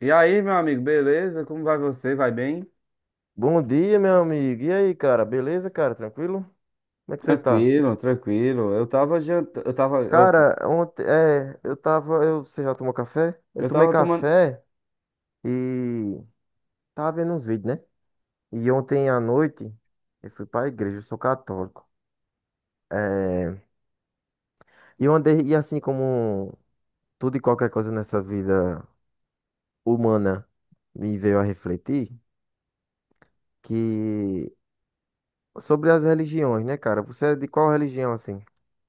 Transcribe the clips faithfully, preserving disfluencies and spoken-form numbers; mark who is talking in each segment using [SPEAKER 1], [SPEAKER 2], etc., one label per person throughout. [SPEAKER 1] E aí, meu amigo, beleza? Como vai você? Vai bem?
[SPEAKER 2] Bom dia, meu amigo. E aí, cara? Beleza, cara? Tranquilo? Como é que você tá?
[SPEAKER 1] Tranquilo, tranquilo. Eu tava jantando, eu tava, opa,
[SPEAKER 2] Cara,
[SPEAKER 1] desculpa.
[SPEAKER 2] ontem, é, eu tava, eu, você já tomou café? Eu
[SPEAKER 1] Eu
[SPEAKER 2] tomei
[SPEAKER 1] tava tomando.
[SPEAKER 2] café e tava vendo uns vídeos, né? E ontem à noite eu fui pra igreja, eu sou católico. É, e eu andei, e assim como tudo e qualquer coisa nessa vida humana me veio a refletir que sobre as religiões, né, cara? Você é de qual religião assim?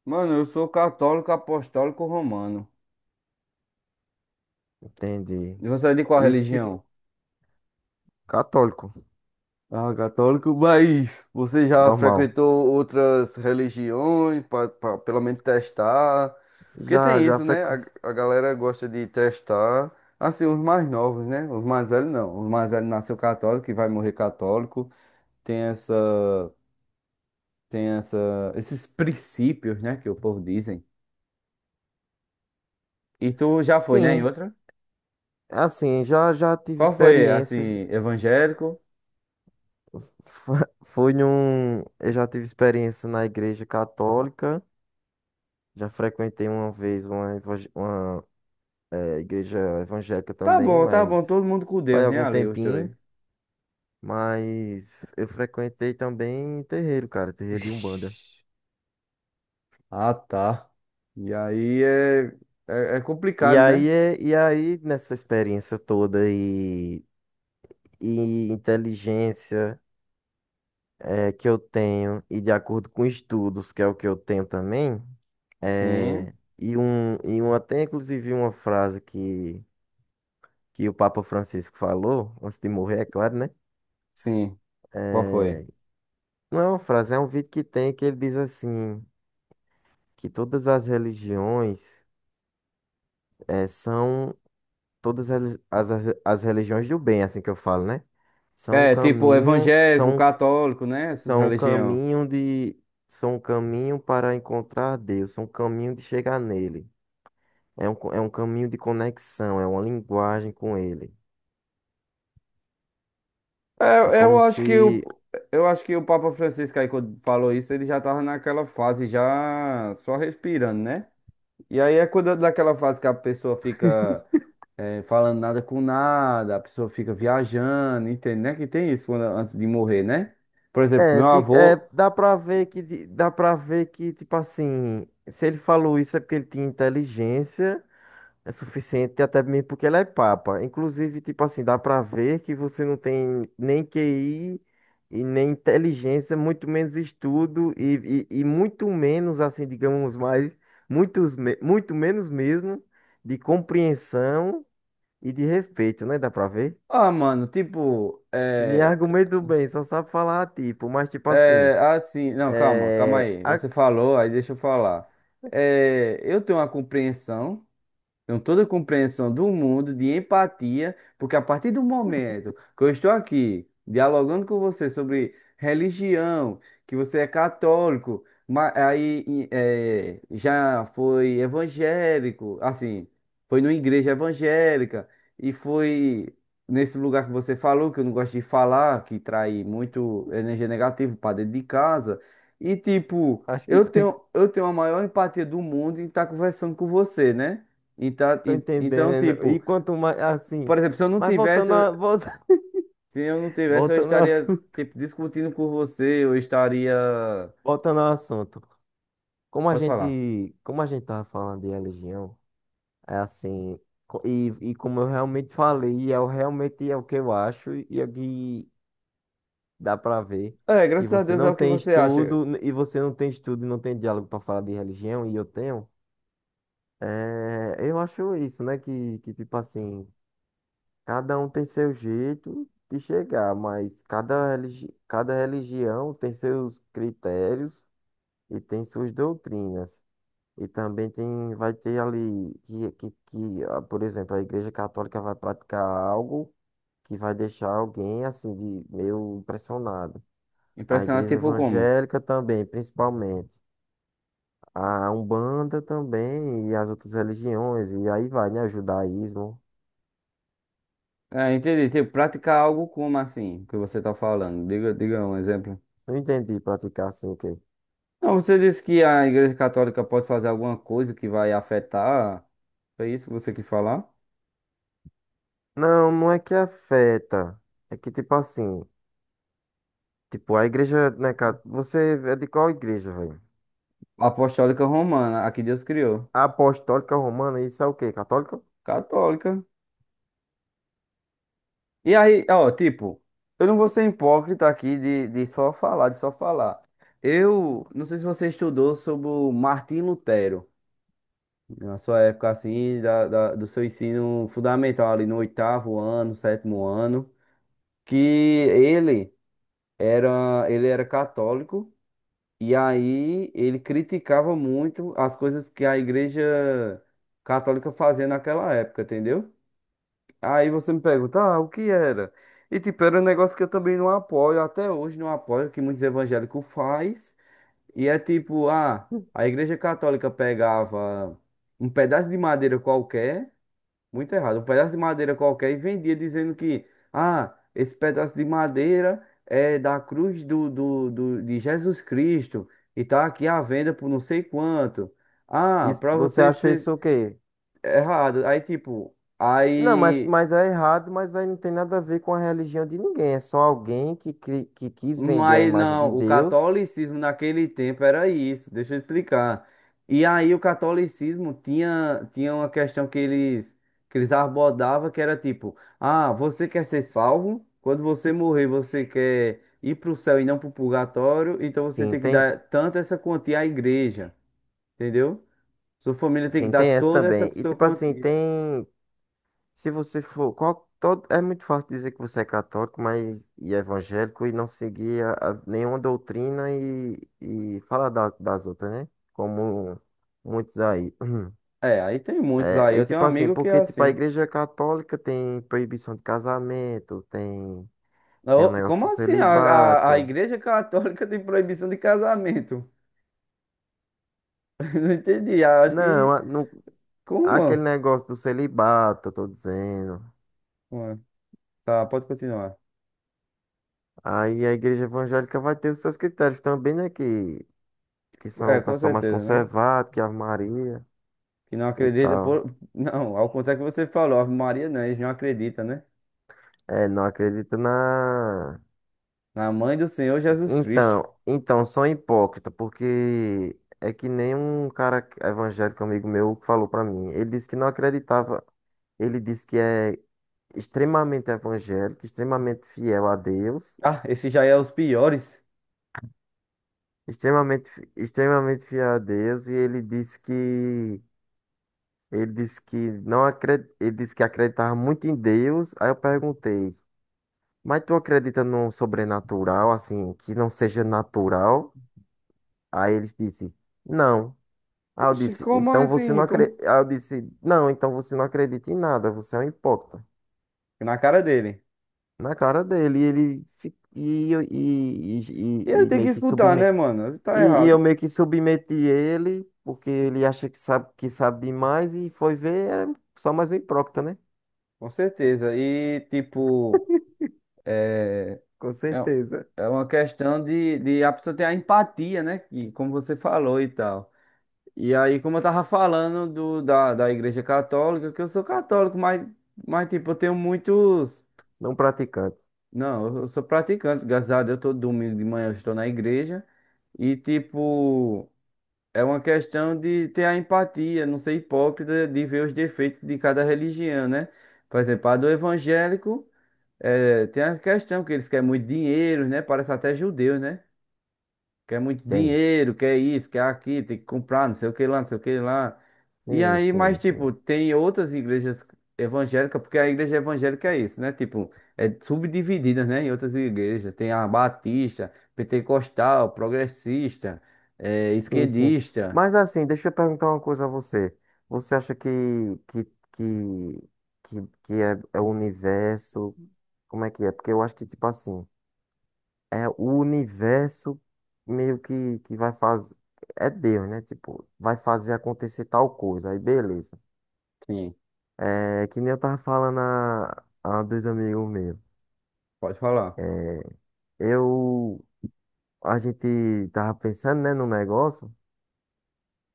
[SPEAKER 1] Mano, eu sou católico apostólico romano.
[SPEAKER 2] Entende?
[SPEAKER 1] E você é de qual
[SPEAKER 2] Isso,
[SPEAKER 1] religião?
[SPEAKER 2] católico,
[SPEAKER 1] Ah, católico, mas você já
[SPEAKER 2] normal.
[SPEAKER 1] frequentou outras religiões para pelo menos testar? Porque
[SPEAKER 2] Já,
[SPEAKER 1] tem
[SPEAKER 2] já
[SPEAKER 1] isso, né? A,
[SPEAKER 2] frequ...
[SPEAKER 1] a galera gosta de testar, assim, os mais novos, né? Os mais velhos não. Os mais velhos nasceu católico e vai morrer católico. Tem essa tem essa, esses princípios, né, que o povo dizem. E tu já foi, né, em
[SPEAKER 2] Sim,
[SPEAKER 1] outra?
[SPEAKER 2] assim, já já tive
[SPEAKER 1] Qual foi,
[SPEAKER 2] experiência. já-
[SPEAKER 1] assim, evangélico?
[SPEAKER 2] Foi num, eu já tive experiência na igreja católica. Já frequentei uma vez uma, evang- uma eh, igreja evangélica
[SPEAKER 1] Tá
[SPEAKER 2] também,
[SPEAKER 1] bom, tá bom,
[SPEAKER 2] mas
[SPEAKER 1] todo mundo com
[SPEAKER 2] faz
[SPEAKER 1] Deus, né,
[SPEAKER 2] algum
[SPEAKER 1] ali, os dois.
[SPEAKER 2] tempinho. Mas eu frequentei também terreiro, cara, terreiro de Umbanda.
[SPEAKER 1] Ixi, ah, tá. E aí é, é, é
[SPEAKER 2] E
[SPEAKER 1] complicado,
[SPEAKER 2] aí,
[SPEAKER 1] né?
[SPEAKER 2] eh, e aí nessa experiência toda e, e inteligência. É que eu tenho, e de acordo com estudos, que é o que eu tenho também,
[SPEAKER 1] Sim,
[SPEAKER 2] é, e, um, e um, até inclusive uma frase que, que o Papa Francisco falou, antes de morrer, é claro, né?
[SPEAKER 1] sim. Qual foi?
[SPEAKER 2] É, não é uma frase, é um vídeo que tem que ele diz assim, que todas as religiões é, são todas as, as, as religiões do bem, assim que eu falo, né? São um
[SPEAKER 1] É, tipo,
[SPEAKER 2] caminho,
[SPEAKER 1] evangélico,
[SPEAKER 2] são,
[SPEAKER 1] católico, né, essas
[SPEAKER 2] são um
[SPEAKER 1] religiões.
[SPEAKER 2] caminho de, são um caminho para encontrar Deus, são um caminho de chegar nele. É um, co- é um caminho de conexão, é uma linguagem com ele. É
[SPEAKER 1] É, eu
[SPEAKER 2] como
[SPEAKER 1] acho que o,
[SPEAKER 2] se.
[SPEAKER 1] eu acho que o Papa Francisco aí, quando falou isso, ele já tava naquela fase já só respirando, né? E aí é quando daquela fase que a pessoa fica eh, falando nada com nada, a pessoa fica viajando, entende, né? Que tem isso quando- antes de morrer, né? Por exemplo,
[SPEAKER 2] É,
[SPEAKER 1] meu
[SPEAKER 2] de- é,
[SPEAKER 1] avô.
[SPEAKER 2] dá pra ver que, de- dá pra ver que, tipo assim, se ele falou isso é porque ele tinha inteligência, é suficiente, até mesmo porque ele é papa. Inclusive, tipo assim, dá pra ver que você não tem nem Q I e nem inteligência, muito menos estudo e, e, e muito menos, assim, digamos mais, muitos, me- muito menos mesmo de compreensão e de respeito, né? Dá pra ver?
[SPEAKER 1] Ah, mano, tipo,
[SPEAKER 2] E nem
[SPEAKER 1] é,
[SPEAKER 2] argumento bem, só sabe falar tipo, mas tipo assim,
[SPEAKER 1] é assim. Não, calma, calma
[SPEAKER 2] é,
[SPEAKER 1] aí. Você
[SPEAKER 2] a-
[SPEAKER 1] falou, aí deixa eu falar. Eh, eu tenho uma compreensão. Tenho toda a compreensão do mundo, de empatia, porque a partir do momento que eu estou aqui dialogando com você sobre religião, que você é católico, ma- aí e, eh, já foi evangélico, assim, foi numa igreja evangélica e foi nesse lugar que você falou, que eu não gosto de falar, que trai muito energia negativa para dentro de casa, e tipo,
[SPEAKER 2] acho que
[SPEAKER 1] eu tenho, eu tenho a maior empatia do mundo em estar conversando com você, né? Então,
[SPEAKER 2] tô
[SPEAKER 1] en- então,
[SPEAKER 2] entendendo. E
[SPEAKER 1] tipo,
[SPEAKER 2] quanto mais assim,
[SPEAKER 1] por exemplo, se eu não
[SPEAKER 2] mas
[SPEAKER 1] tivesse,
[SPEAKER 2] voltando
[SPEAKER 1] eu-
[SPEAKER 2] a, volta-
[SPEAKER 1] se eu não tivesse, eu
[SPEAKER 2] voltando ao
[SPEAKER 1] estaria,
[SPEAKER 2] assunto,
[SPEAKER 1] tipo, discutindo com você, eu estaria.
[SPEAKER 2] voltando ao assunto. Como a
[SPEAKER 1] Pode falar.
[SPEAKER 2] gente, como a gente tava falando de religião, é assim, co- e, e como eu realmente falei, e eu realmente é o que eu acho e é o que dá pra ver
[SPEAKER 1] É,
[SPEAKER 2] que
[SPEAKER 1] graças a
[SPEAKER 2] você
[SPEAKER 1] Deus é
[SPEAKER 2] não
[SPEAKER 1] o que
[SPEAKER 2] tem
[SPEAKER 1] você acha.
[SPEAKER 2] estudo e você não tem estudo e não tem diálogo pra falar de religião e eu tenho. É, eu acho isso, né? Que, que tipo assim, cada um tem seu jeito de chegar, mas cada, religi cada religião tem seus critérios e tem suas doutrinas. E também tem, vai ter ali que, que, que, ah, por exemplo, a Igreja Católica vai praticar algo que vai deixar alguém assim de meio impressionado. A
[SPEAKER 1] Impressionar,
[SPEAKER 2] Igreja
[SPEAKER 1] tipo, como?
[SPEAKER 2] Evangélica também, principalmente. A Umbanda também, e as outras religiões, e aí vai, né? O judaísmo.
[SPEAKER 1] É, entendi. Tipo, praticar algo como assim, que você tá falando. Diga, diga um exemplo.
[SPEAKER 2] Não entendi praticar assim o quê?
[SPEAKER 1] Não, você disse que a Igreja Católica pode fazer alguma coisa que vai afetar. Foi isso que você quis falar?
[SPEAKER 2] Não, não é que afeta. É que tipo assim, tipo, a igreja, né, cara? Você é de qual igreja, velho?
[SPEAKER 1] Apostólica Romana, a que Deus criou.
[SPEAKER 2] Apostólica Romana, isso é o quê? Católica?
[SPEAKER 1] Católica. E aí, ó, tipo, eu não vou ser hipócrita aqui de, de só falar, de só falar. Eu não sei se você estudou sobre o Martim Lutero, na sua época assim, da, da- do seu ensino fundamental ali no oitavo ano, sétimo ano, que ele era, ele era católico e aí ele criticava muito as coisas que a igreja católica fazia naquela época, entendeu? Aí você me pergunta, ah, o que era? E tipo, era um negócio que eu também não apoio, até hoje não apoio, que muitos evangélicos faz. E é tipo, ah, a Igreja Católica pegava um pedaço de madeira qualquer, muito errado, um pedaço de madeira qualquer e vendia dizendo que, ah, esse pedaço de madeira é da cruz do, do, do- de Jesus Cristo e tá aqui à venda por não sei quanto. Ah,
[SPEAKER 2] Isso,
[SPEAKER 1] pra
[SPEAKER 2] você
[SPEAKER 1] você
[SPEAKER 2] acha
[SPEAKER 1] ser
[SPEAKER 2] isso o quê?
[SPEAKER 1] errado. Aí tipo,
[SPEAKER 2] Não, mas,
[SPEAKER 1] aí.
[SPEAKER 2] mas é errado, mas aí não tem nada a ver com a religião de ninguém. É só alguém que, cri- que quis vender a
[SPEAKER 1] Mas
[SPEAKER 2] imagem de
[SPEAKER 1] não, o
[SPEAKER 2] Deus.
[SPEAKER 1] catolicismo naquele tempo era isso, deixa eu explicar. E aí o catolicismo tinha, tinha uma questão que eles, que eles abordavam que era tipo, ah, você quer ser salvo? Quando você morrer, você quer ir para o céu e não para o purgatório, então você
[SPEAKER 2] Sim,
[SPEAKER 1] tem que
[SPEAKER 2] tem.
[SPEAKER 1] dar tanto essa quantia à igreja, entendeu? Sua família tem que
[SPEAKER 2] Sim,
[SPEAKER 1] dar
[SPEAKER 2] tem essa
[SPEAKER 1] toda
[SPEAKER 2] também.
[SPEAKER 1] essa
[SPEAKER 2] E
[SPEAKER 1] sua
[SPEAKER 2] tipo assim,
[SPEAKER 1] quantia.
[SPEAKER 2] tem. Se você for, qual, todo, é muito fácil dizer que você é católico, mas e evangélico e não seguir a, a nenhuma doutrina e, e falar da- das outras, né? Como muitos aí.
[SPEAKER 1] É, aí tem muitos aí.
[SPEAKER 2] É, e
[SPEAKER 1] Eu tenho um
[SPEAKER 2] tipo assim,
[SPEAKER 1] amigo que é
[SPEAKER 2] porque tipo
[SPEAKER 1] assim,
[SPEAKER 2] a
[SPEAKER 1] né?
[SPEAKER 2] igreja católica tem proibição de casamento, tem tem um
[SPEAKER 1] Ô,
[SPEAKER 2] negócio do
[SPEAKER 1] como assim? A, a, a
[SPEAKER 2] celibato.
[SPEAKER 1] Igreja Católica tem proibição de casamento? Não entendi. Acho
[SPEAKER 2] Não,
[SPEAKER 1] que.
[SPEAKER 2] a- no, aquele
[SPEAKER 1] Como?
[SPEAKER 2] negócio do celibato, eu tô dizendo.
[SPEAKER 1] Mano, tá, pode continuar.
[SPEAKER 2] Aí a igreja evangélica vai ter os seus critérios também, né? Que que são
[SPEAKER 1] É,
[SPEAKER 2] o
[SPEAKER 1] com
[SPEAKER 2] pessoal mais
[SPEAKER 1] certeza, né?
[SPEAKER 2] conservado, que Ave Maria
[SPEAKER 1] Que não
[SPEAKER 2] e
[SPEAKER 1] acredita
[SPEAKER 2] tal.
[SPEAKER 1] por. Não, ao contrário que você falou, Ave Maria não, eles não acreditam, né?
[SPEAKER 2] É, não acredito na.
[SPEAKER 1] Na mãe do Senhor Jesus Cristo.
[SPEAKER 2] Então, então, sou hipócrita, porque é que nem um cara evangélico amigo meu que falou pra mim. Ele disse que não acreditava. Ele disse que é extremamente evangélico, extremamente fiel a Deus,
[SPEAKER 1] Ah, esse já é os piores.
[SPEAKER 2] extremamente, fi- extremamente fiel a Deus, e ele disse que ele disse que não acred, ele disse que acreditava muito em Deus. Aí eu perguntei: mas tu acredita num sobrenatural, assim, que não seja natural? Aí eles disse, não. Aí eu
[SPEAKER 1] Oxe,
[SPEAKER 2] disse,
[SPEAKER 1] como
[SPEAKER 2] então você
[SPEAKER 1] assim?
[SPEAKER 2] não
[SPEAKER 1] Como?
[SPEAKER 2] acredita. Aí eu disse, não, então você não acredita em nada, você é um hipócrita.
[SPEAKER 1] Na cara dele.
[SPEAKER 2] Na cara dele, e ele fi- e, eu- e, e,
[SPEAKER 1] E ele
[SPEAKER 2] e, e
[SPEAKER 1] tem que
[SPEAKER 2] meio que
[SPEAKER 1] escutar, né,
[SPEAKER 2] submeti.
[SPEAKER 1] mano? Ele tá
[SPEAKER 2] E, e
[SPEAKER 1] errado.
[SPEAKER 2] eu meio que submeti ele, porque ele acha que sabe, que sabe demais, e foi ver, era só mais um hipócrita, né?
[SPEAKER 1] Com certeza. E, tipo. é,
[SPEAKER 2] Com
[SPEAKER 1] É,
[SPEAKER 2] certeza.
[SPEAKER 1] é uma questão de, de a pessoa ter a empatia, né? Que, como você falou e tal. E aí, como eu tava falando do, da, da Igreja Católica, que eu sou católico, mas, mas tipo, eu tenho muitos.
[SPEAKER 2] Não praticante.
[SPEAKER 1] Não, eu eu sou praticante, graças a Deus, todo domingo de manhã eu estou na igreja. E, tipo, é uma questão de ter a empatia, não ser hipócrita, de ver os defeitos de cada religião, né? Por exemplo, a do evangélico, é, tem a questão que eles querem muito dinheiro, né? Parece até judeus, né? Quer muito
[SPEAKER 2] Tem.
[SPEAKER 1] dinheiro, quer isso, quer aquilo, tem que comprar, não sei o que lá, não sei o que lá. E
[SPEAKER 2] Sim,
[SPEAKER 1] aí, mas
[SPEAKER 2] sim,
[SPEAKER 1] tipo,
[SPEAKER 2] sim.
[SPEAKER 1] tem outras igrejas evangélicas, porque a igreja evangélica é isso, né? Tipo, é subdividida, né? Em outras igrejas. Tem a batista, pentecostal, progressista, eh,
[SPEAKER 2] Sim, sim.
[SPEAKER 1] esquerdista.
[SPEAKER 2] Mas assim, deixa eu perguntar uma coisa a você. Você acha que que que que, que é, é o universo? Como é que é? Porque eu acho que tipo assim, é o universo meio que que vai fazer é Deus, né? Tipo, vai fazer acontecer tal coisa. Aí beleza.
[SPEAKER 1] Sim,
[SPEAKER 2] É que nem eu tava falando a, a dois amigos meus.
[SPEAKER 1] pode falar.
[SPEAKER 2] Eu a gente tava pensando, né, no negócio.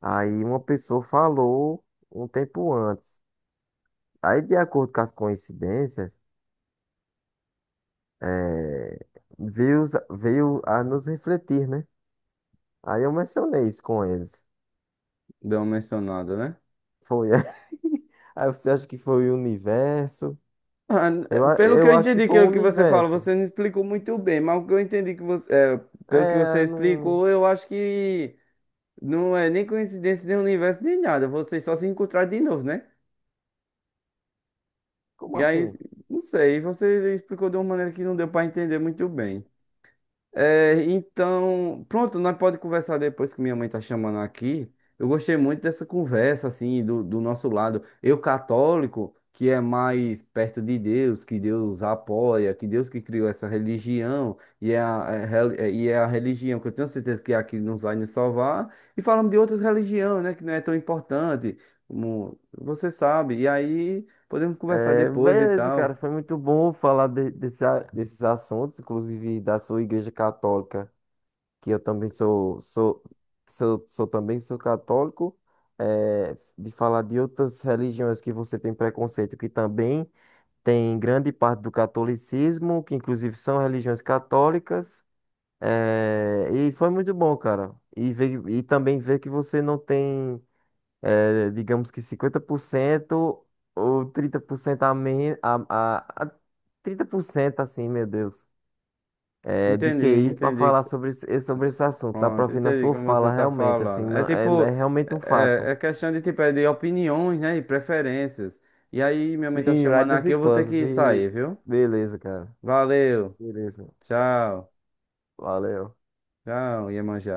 [SPEAKER 2] Aí uma pessoa falou um tempo antes. Aí, de acordo com as coincidências, eh, veio, os- veio a nos refletir, né? Aí eu mencionei isso com eles.
[SPEAKER 1] Deu uma mencionada, né?
[SPEAKER 2] Foi. Aí você acha que foi o universo?
[SPEAKER 1] Ah, n-
[SPEAKER 2] Eu,
[SPEAKER 1] eh,
[SPEAKER 2] a-
[SPEAKER 1] pelo que eu
[SPEAKER 2] eu acho que
[SPEAKER 1] entendi
[SPEAKER 2] foi o
[SPEAKER 1] que, que você fala,
[SPEAKER 2] universo.
[SPEAKER 1] você não explicou muito bem, mas o que eu entendi que você, eh, pelo que você
[SPEAKER 2] É, não.
[SPEAKER 1] explicou, eu acho que não é nem coincidência, nem universo, nem nada. Vocês só se encontraram de novo, né?
[SPEAKER 2] Como
[SPEAKER 1] E aí,
[SPEAKER 2] assim?
[SPEAKER 1] não sei, você explicou de uma maneira que não deu pra entender muito bem. É, então, pronto, nós pode conversar depois que minha mãe tá chamando aqui. Eu gostei muito dessa conversa, assim, do, do nosso lado. Eu, católico, que é mais perto de Deus, que Deus apoia, que Deus que criou essa religião, e é a, é rel- é- e é a religião que eu tenho certeza que é a que nos vai nos salvar. E falamos de outras religiões, né, que não é tão importante, como você sabe. E aí podemos conversar
[SPEAKER 2] É,
[SPEAKER 1] depois e
[SPEAKER 2] beleza, cara.
[SPEAKER 1] tal.
[SPEAKER 2] Foi muito bom falar de- desse a- desses assuntos, inclusive da sua igreja católica. Que eu também sou, sou, sou, sou também sou católico, eh, de falar de outras religiões que você tem preconceito, que também tem grande parte do catolicismo, que inclusive são religiões católicas, eh, e foi muito bom, cara. E ver, e também ver que você não tem, eh, digamos que cinquenta por cento ou trinta por cento a menos, a, a, a trinta por cento assim, meu Deus, é, de
[SPEAKER 1] Entendi,
[SPEAKER 2] Q I para
[SPEAKER 1] entendi.
[SPEAKER 2] falar sobre esse, esse- sobre esse assunto. Dá para
[SPEAKER 1] Pronto,
[SPEAKER 2] ouvir na
[SPEAKER 1] entendi
[SPEAKER 2] sua
[SPEAKER 1] como você
[SPEAKER 2] fala,
[SPEAKER 1] tá
[SPEAKER 2] realmente, assim,
[SPEAKER 1] falando. É
[SPEAKER 2] não, é, é
[SPEAKER 1] tipo,
[SPEAKER 2] realmente um
[SPEAKER 1] é,
[SPEAKER 2] fato.
[SPEAKER 1] é é questão de tipo, é de opiniões, né? E preferências. E aí, minha mãe tá
[SPEAKER 2] Sim,
[SPEAKER 1] chamando
[SPEAKER 2] Riders
[SPEAKER 1] aqui,
[SPEAKER 2] e
[SPEAKER 1] eu vou ter
[SPEAKER 2] Puzzles,
[SPEAKER 1] que sair,
[SPEAKER 2] e
[SPEAKER 1] viu?
[SPEAKER 2] beleza, cara.
[SPEAKER 1] Valeu,
[SPEAKER 2] Beleza,
[SPEAKER 1] tchau,
[SPEAKER 2] valeu.
[SPEAKER 1] tchau, Iemanjá.